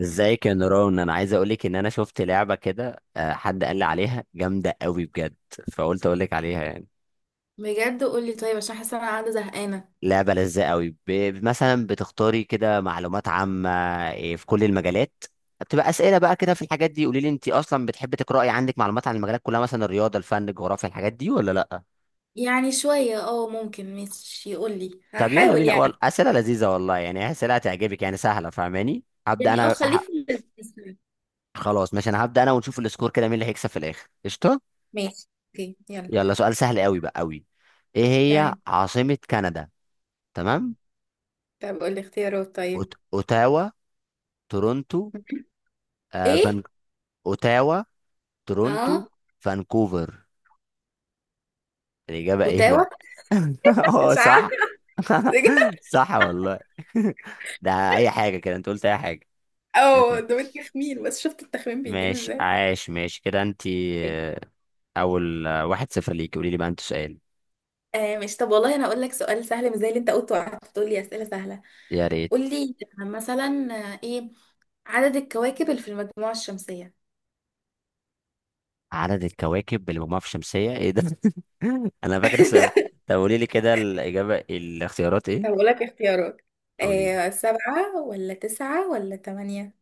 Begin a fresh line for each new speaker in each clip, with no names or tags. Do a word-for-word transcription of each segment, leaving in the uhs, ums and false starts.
ازيك يا نوران، انا عايز اقولك ان انا شفت لعبه كده، آه، حد قال لي عليها جامده قوي بجد. فقلت اقولك عليها يعني
بجد، قولي. طيب، عشان حاسه انا قاعده زهقانه.
لعبه لذيذه قوي. ب... مثلا بتختاري كده معلومات عامه، إيه، في كل المجالات. بتبقى اسئله بقى كده في الحاجات دي. قولي لي، انت اصلا بتحبي تقراي؟ عندك معلومات عن المجالات كلها؟ مثلا الرياضه، الفن، الجغرافيا، الحاجات دي ولا لا؟
يعني شويه اه ممكن. ماشي، يقولي
طب يلا
هحاول
بينا.
يعني.
وال- اسئله لذيذه والله، يعني اسئله هتعجبك، يعني سهله، فاهماني؟ هبدا
يعني اه
انا
خليك
ه-
في اللذيذ.
خلاص ماشي، انا هبدا انا ونشوف السكور كده مين اللي هيكسب في الاخر. قشطه،
ماشي، اوكي، يلا.
يلا. سؤال سهل قوي بقى قوي. ايه هي
تمام.
عاصمة كندا؟ تمام.
طب قولي اختيارات.
أوت-
طيب.
اوتاوا، تورونتو، آه
ايه.
فان، اوتاوا، تورونتو،
اه
فانكوفر. الإجابة ايه
اوتاوا.
بقى؟ اه
مش عارفه،
صح.
بجد.
صح والله. ده اي حاجة كده، انت قلت اي حاجة.
اه،
يلا.
ده التخمين، بس شفت التخمين بيجيب
ماشي،
ازاي.
عاش، ماشي كده انت. آه، اول، آه، واحد صفر ليك. قولي لي بقى انت سؤال.
آه، مش. طب والله انا اقول لك سؤال سهل مش زي اللي انت قلته وقعدت تقول لي اسئله سهله.
يا ريت.
قول لي مثلا. آه، ايه عدد الكواكب اللي في المجموعه الشمسيه.
عدد الكواكب اللي مجموعة في الشمسية؟ ايه ده؟ انا فاكر السؤال. طب قولي لي كده الإجابة، الاختيارات
طب
ايه.
أقول لك اختيارات:
قولي
آه سبعة ولا تسعة ولا تمانية؟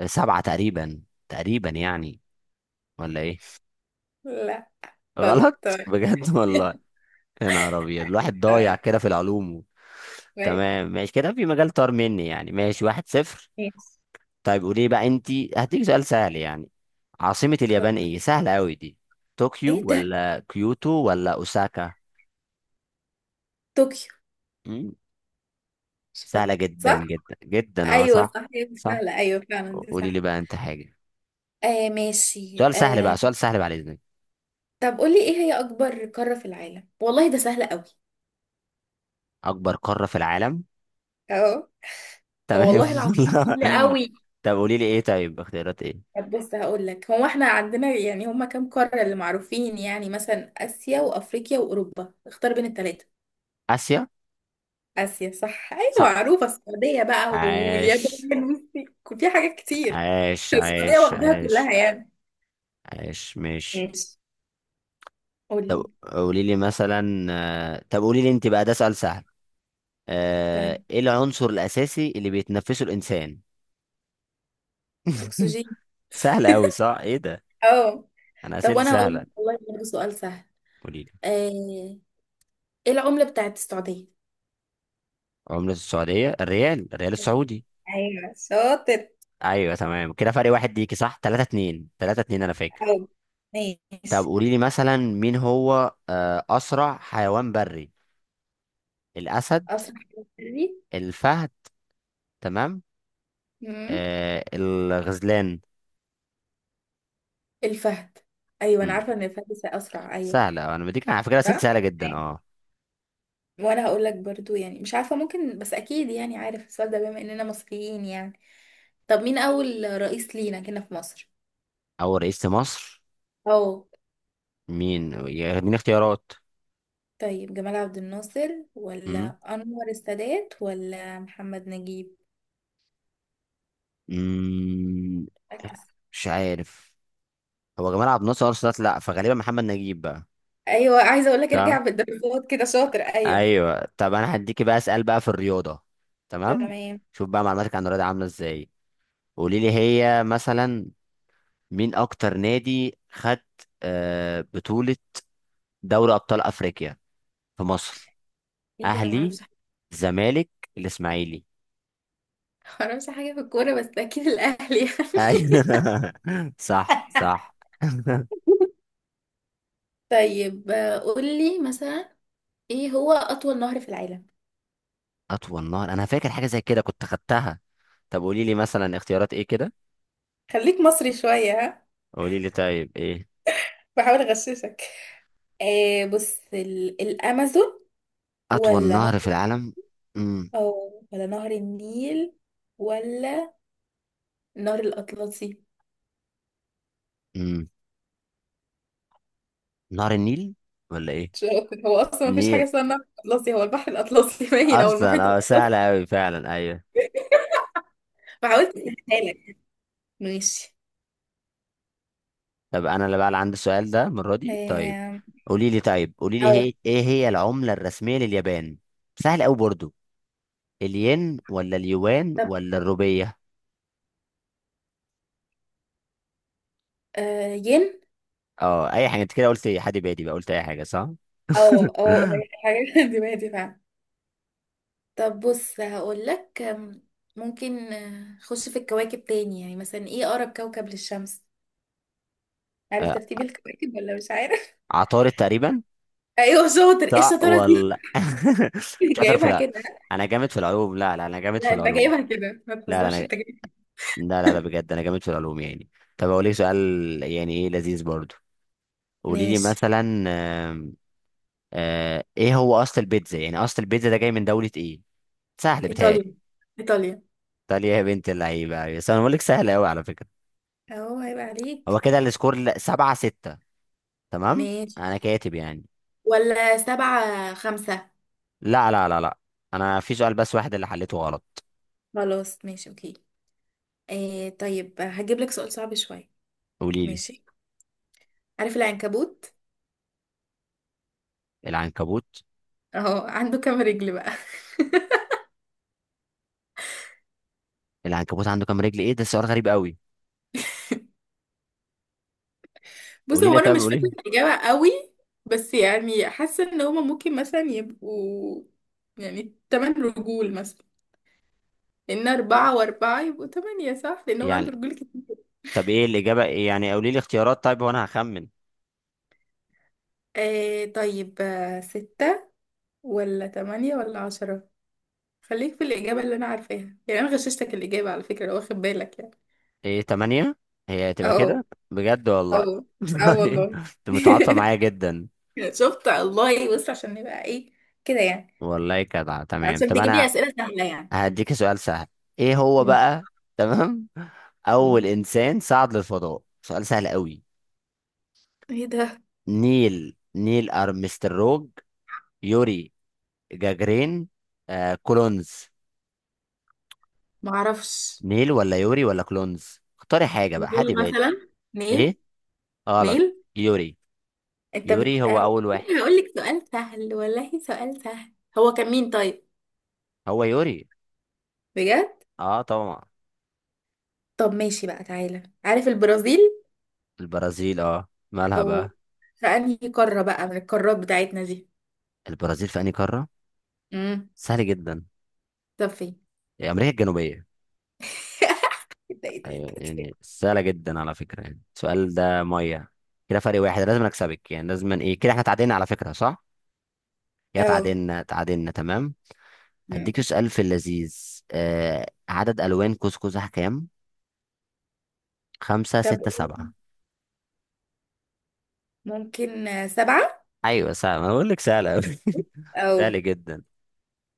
لي سبعة تقريبا. تقريبا يعني، ولا ايه؟
لا. خلاص
غلط؟
تمام.
بجد والله. يا نهار ابيض، الواحد ضايع
تمام
كده في العلوم و...
ماشي.
تمام ماشي كده، في مجال طار مني يعني. ماشي، واحد صفر.
ماشي
طيب قولي بقى انتي، هديك سؤال سهل يعني. عاصمة اليابان
خلاص.
ايه؟ سهلة قوي دي. طوكيو
ايه ده؟
ولا كيوتو ولا اوساكا؟
طوكيو.
مم،
مش
سهلة
بقى
جدا
صح؟
جدا جدا. اه
ايوه
صح.
صح، هي دي
صح.
سهلة، ايوه فعلا دي
قولي لي
صح.
بقى انت حاجة.
آه، ماشي
سؤال سهل بقى،
آه.
سؤال سهل بعد اذنك.
طب قولي، ايه هي اكبر قارة في العالم؟ والله ده سهل قوي.
اكبر قارة في العالم.
اهو. آه،
تمام.
والله العظيم
والله.
سهل قوي.
طب قولي لي ايه، طيب اختيارات ايه.
طب بص هقول لك، هو احنا عندنا يعني هما كام قارة اللي معروفين؟ يعني مثلا اسيا وافريقيا واوروبا، اختار بين الثلاثة.
اسيا.
آسيا صح، أيوة
صح.
معروفة. السعودية بقى
عاش،
واليابان والصين. في حاجات كتير.
عاش،
السعودية
عاش.
واخداها
عاش
كلها يعني.
عاش ماشي.
ماشي.
طب
قولي.
قولي لي مثلا، آه، طب قولي لي انت بقى، ده سؤال سهل.
طيب.
آه، ايه العنصر الاساسي اللي بيتنفسه الانسان؟
أكسجين.
سهل قوي، صح، ايه ده؟
اه،
انا
طب
اسئلتي
وأنا هقول لك
سهله.
والله برضه سؤال سهل.
قولي لي.
آه، إيه العملة بتاعت السعودية؟
عملة السعوديه الريال، الريال السعودي.
ايوه شاطر.
ايوه تمام. كده فرق واحد ليكي صح، تلاتة اتنين تلاتة اتنين انا فاكر.
أوي.
طب
ماشي.
قولي لي مثلا، مين هو آه، أسرع حيوان بري؟ الأسد،
أسرع حاجة بري؟
الفهد، تمام،
مم.
آه، الغزلان.
الفهد. أيوة أنا
مم.
عارفة إن الفهد س- أسرع، أيوة.
سهلة، أنا بديك على فكرة أسئلة
صح.
سهلة جدا
أيوة.
أه.
وأنا هقول لك برضو، يعني مش عارفة، ممكن، بس أكيد يعني عارف السؤال ده بما إننا مصريين يعني. طب مين أول رئيس لينا كنا في مصر؟
أول رئيس لمصر.
أو.
مين؟ يديني اختيارات.
طيب جمال عبد الناصر
مم.
ولا أنور السادات ولا محمد نجيب؟
مم.
ركز.
مش عارف. هو جمال عبد الناصر أرسلت، لأ، فغالبا محمد نجيب بقى.
أيوة، عايزة أقول لك
ده
ارجع بالدرجات كده شاطر، أيوة.
أيوه. طب أنا هديكي بقى أسأل بقى في الرياضة. تمام.
تمام.
شوف بقى معلوماتك عن الرياضة عاملة إزاي. قولي لي، هي مثلا مين اكتر نادي خد آه، بطولة دوري ابطال افريقيا في مصر؟
إيه ده، أنا
اهلي،
معرفش حاجة.
زمالك، الاسماعيلي.
معرفش حاجة في الكورة بس أكيد الأهلي يعني.
ايوه. صح صح.
طيب، آه، قولي مثلا، إيه هو أطول نهر في العالم؟
اطول نهر، انا فاكر حاجة زي كده كنت خدتها. طب قولي لي مثلا اختيارات ايه كده.
خليك مصري شوية، ها.
قولي لي طيب ايه.
بحاول أغششك. آه بص، ال- الأمازون
اطول
ولا
نهر في العالم. امم.
أو ولا نهر النيل ولا النهر الأطلسي؟
امم. نهر النيل، ولا ايه؟
مش عارفة. هو أصلا مفيش حاجة
نيل.
اسمها النهر الأطلسي، هو البحر الأطلسي، باين، أو المحيط
اصلا اه
الأطلسي.
سهلة اوي فعلا، ايوه.
ما حاولت أسهلها لك. ماشي.
طب انا اللي بقى اللي عندي السؤال ده المره دي، طيب.
آم،
قولي لي، طيب قولي لي،
أو.
هي ايه هي العمله الرسميه لليابان؟ سهل قوي برضو. الين ولا اليوان
طب،
ولا الروبيه؟
آه، ين.
اه اي حاجه، انت كده قلت ايه، حد بادي بقى قلت اي حاجه صح.
أو أو هي حاجة. دماغي دي فعلا. طب بص هقول لك. آم، ممكن آه، خش في الكواكب تاني، يعني مثلا إيه أقرب كوكب للشمس؟ عارف
آه،
ترتيب الكواكب ولا مش عارف؟
عطارد تقريبا.
أيوه شاطر، إيه
صح
الشطارة دي.
ولا؟ شاطر في
جايبها
لا.
كده.
انا جامد في العلوم، لا لا انا جامد في
لا، أنت
العلوم
جايبها كده، ما
لا لا انا
تهزرش، أنت جايبها.
لا لا لا، بجد انا جامد في العلوم يعني. طب اقول لك سؤال، يعني ايه لذيذ برضو. قولي لي
ماشي.
مثلا، آه ايه هو اصل البيتزا؟ يعني اصل البيتزا ده جاي من دولة ايه؟ سهل بتهيألي.
إيطاليا. إيطاليا.
ايطاليا، يا بنت اللعيبة، بس انا بقول لك سهل قوي على فكرة.
أهو هيبقى عليك.
هو كده السكور ل- سبعة ستة، تمام.
ماشي.
انا كاتب يعني.
ولا سبعة خمسة.
لا لا لا لا، انا في سؤال بس واحد اللي حليته غلط.
خلاص ماشي أوكي. إيه، طيب هجيب لك سؤال صعب شوية.
قولي لي.
ماشي. عارف العنكبوت؟
العنكبوت.
أهو عنده كام رجل بقى؟
العنكبوت عنده كام رجل؟ ايه ده سؤال غريب قوي.
بص،
قولي
هو
لي،
أنا
طب
مش
قولي
فاكرة
لي
الإجابة قوي. بس يعني حاسة إن هما ممكن مثلا يبقوا، يعني تمن رجول مثلا، لأن أربعة وأربعة يبقوا تمانية صح، لأن هو
يعني.
عنده رجول كتير.
طب ايه الاجابة إيه؟ يعني قولي لي اختيارات طيب وانا هخمن.
إيه، طيب، آه، ستة ولا تمانية ولا عشرة؟ خليك في الإجابة اللي أنا عارفاها، يعني أنا غششتك الإجابة على فكرة، لو واخد بالك يعني.
ايه تمانية، هي تبقى
أه.
كده؟ بجد والله.
أه. أه
انت
والله.
متعاطفة معايا جدا.
شفت الله، بص، عشان نبقى إيه كده يعني،
والله جدع، تمام.
عشان
طب
تجيب لي
انا
أسئلة سهلة يعني.
هديك سؤال سهل. ايه هو
مم.
بقى، تمام. اول
مم.
انسان صعد للفضاء، سؤال سهل قوي.
إيه ده؟
نيل نيل ارمستروج، يوري جاجرين، آه كولونز.
معرفش.
نيل ولا يوري ولا كولونز؟ اختاري حاجة بقى، حد
نيل
بادي.
مثلا. نيل.
ايه. غلط.
نيل.
يوري.
أنت بت.
يوري هو اول واحد.
هقول لك سؤال سهل، والله سؤال سهل. هو كان مين طيب؟
هو يوري.
بجد.
اه طبعا.
طب ماشي بقى، تعالى عارف البرازيل؟
البرازيل، اه مالها
أو.
بقى؟
في أنهي قارة بقى من القارات بتاعتنا دي؟
البرازيل في انهي قارة؟
امم
سهل جدا.
طب فين؟
امريكا الجنوبية.
ده ايه، ده ايه.
أيوة،
ده.
يعني سهلة جدا على فكرة يعني، السؤال ده مية. كده فرق واحد لازم أكسبك يعني، لازم إيه كده. إحنا تعادلنا على فكرة صح؟ كده
اه.
تعادلنا، تعادلنا، تمام. هديك
مم.
سؤال في اللذيذ. آه، عدد ألوان قوس قزح كام؟ خمسة،
طب
ستة،
قول.
سبعة.
ممكن، آه، سبعة.
أيوة، سهلة، أنا بقول لك سهلة أوي.
او.
سهل جدا.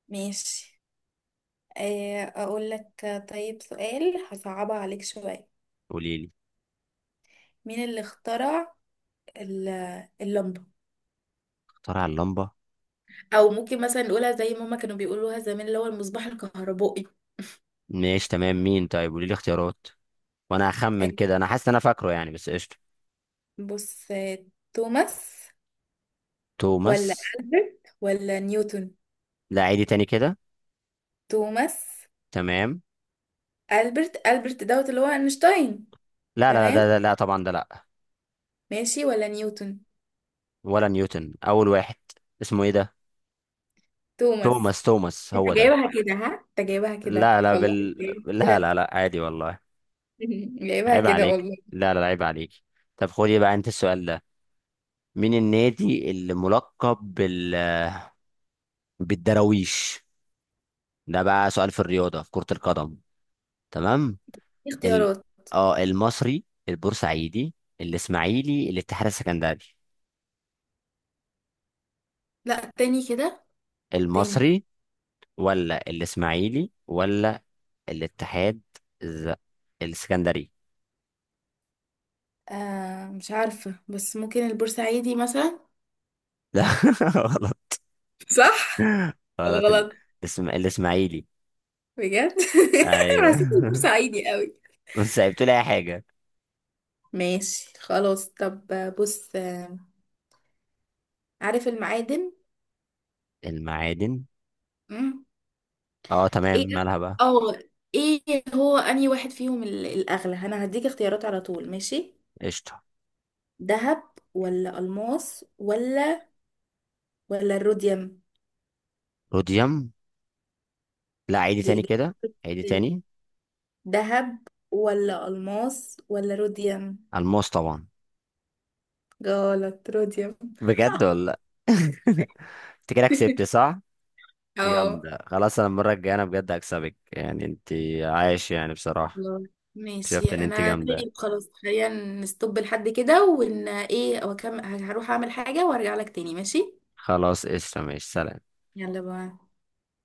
ماشي. آه، اقول لك، آه، طيب سؤال هصعبها عليك شوية.
قولي لي.
مين اللي اخترع ال- اللمبة؟
اخترع اللمبة.
او ممكن مثلا نقولها زي ما هما كانوا بيقولوها زمان، اللي هو المصباح الكهربائي.
ماشي تمام. مين طيب؟ قولي لي اختيارات وأنا هخمن
آه،
كده. أنا حاسس إن أنا فاكره يعني، بس قشطة.
بص، آه، توماس ولا
توماس.
ألبرت ولا نيوتن؟
لا عيدي تاني كده.
توماس.
تمام.
ألبرت ألبرت دوت اللي هو أينشتاين.
لا لا لا ده
تمام.
ده- لا طبعا، ده لا.
ماشي ولا نيوتن.
ولا نيوتن اول واحد؟ اسمه ايه ده؟
توماس.
توماس. توماس
انت
هو ده.
جايبها كده، ها، انت جايبها كده
لا لا
والله،
بال...
جايبها
لا
كده.
لا لا عادي والله.
جايبها
عيب
كده
عليك،
والله.
لا لا، عيب عليك. طب خدي بقى انت السؤال ده. مين النادي اللي ملقب بال... بالدراويش؟ ده بقى سؤال في الرياضة في كرة القدم، تمام.
في
ال...
اختيارات.
اه المصري، البورسعيدي، الاسماعيلي، الاتحاد السكندري.
لا، تاني كده. تاني.
المصري ولا الاسماعيلي ولا الاتحاد الز- السكندري.
آه مش عارفة بس ممكن البورسعيدي مثلا.
لا. غلط.
صح ولا
غلط. ال...
غلط؟
اسم... الاسماعيلي.
بجد. حسيت
ايوه.
البورسعيدي قوي.
بس سايبت لي اي حاجه.
ماشي خلاص. طب بص، آه، عارف المعادن؟
المعادن.
مم.
اه تمام،
ايه.
مالها بقى؟
اه ايه هو انهي واحد فيهم ال- الاغلى؟ انا هديك اختيارات على طول، ماشي.
قشطه.
دهب ولا الماس ولا ولا الروديوم.
روديوم. لا عيدي
دي
تاني كده. عيدي
إجابة:
تاني.
دهب ولا ألماس ولا روديوم.
الماس طبعا.
غلط، روديوم.
بجد ولا؟ لأ؟ انت كده كسبت صح.
اه.
جامده، خلاص، انا المره الجايه انا بجد هكسبك يعني. انت عايش يعني بصراحه.
الله.
اكتشفت
ماشي
ان انت
انا،
جامده.
طيب خلاص خلينا نستوب لحد كده، ون ايه وكم هروح اعمل حاجة وارجع لك تاني، ماشي.
خلاص قشطه، ماشي، سلام.
يلا بقى.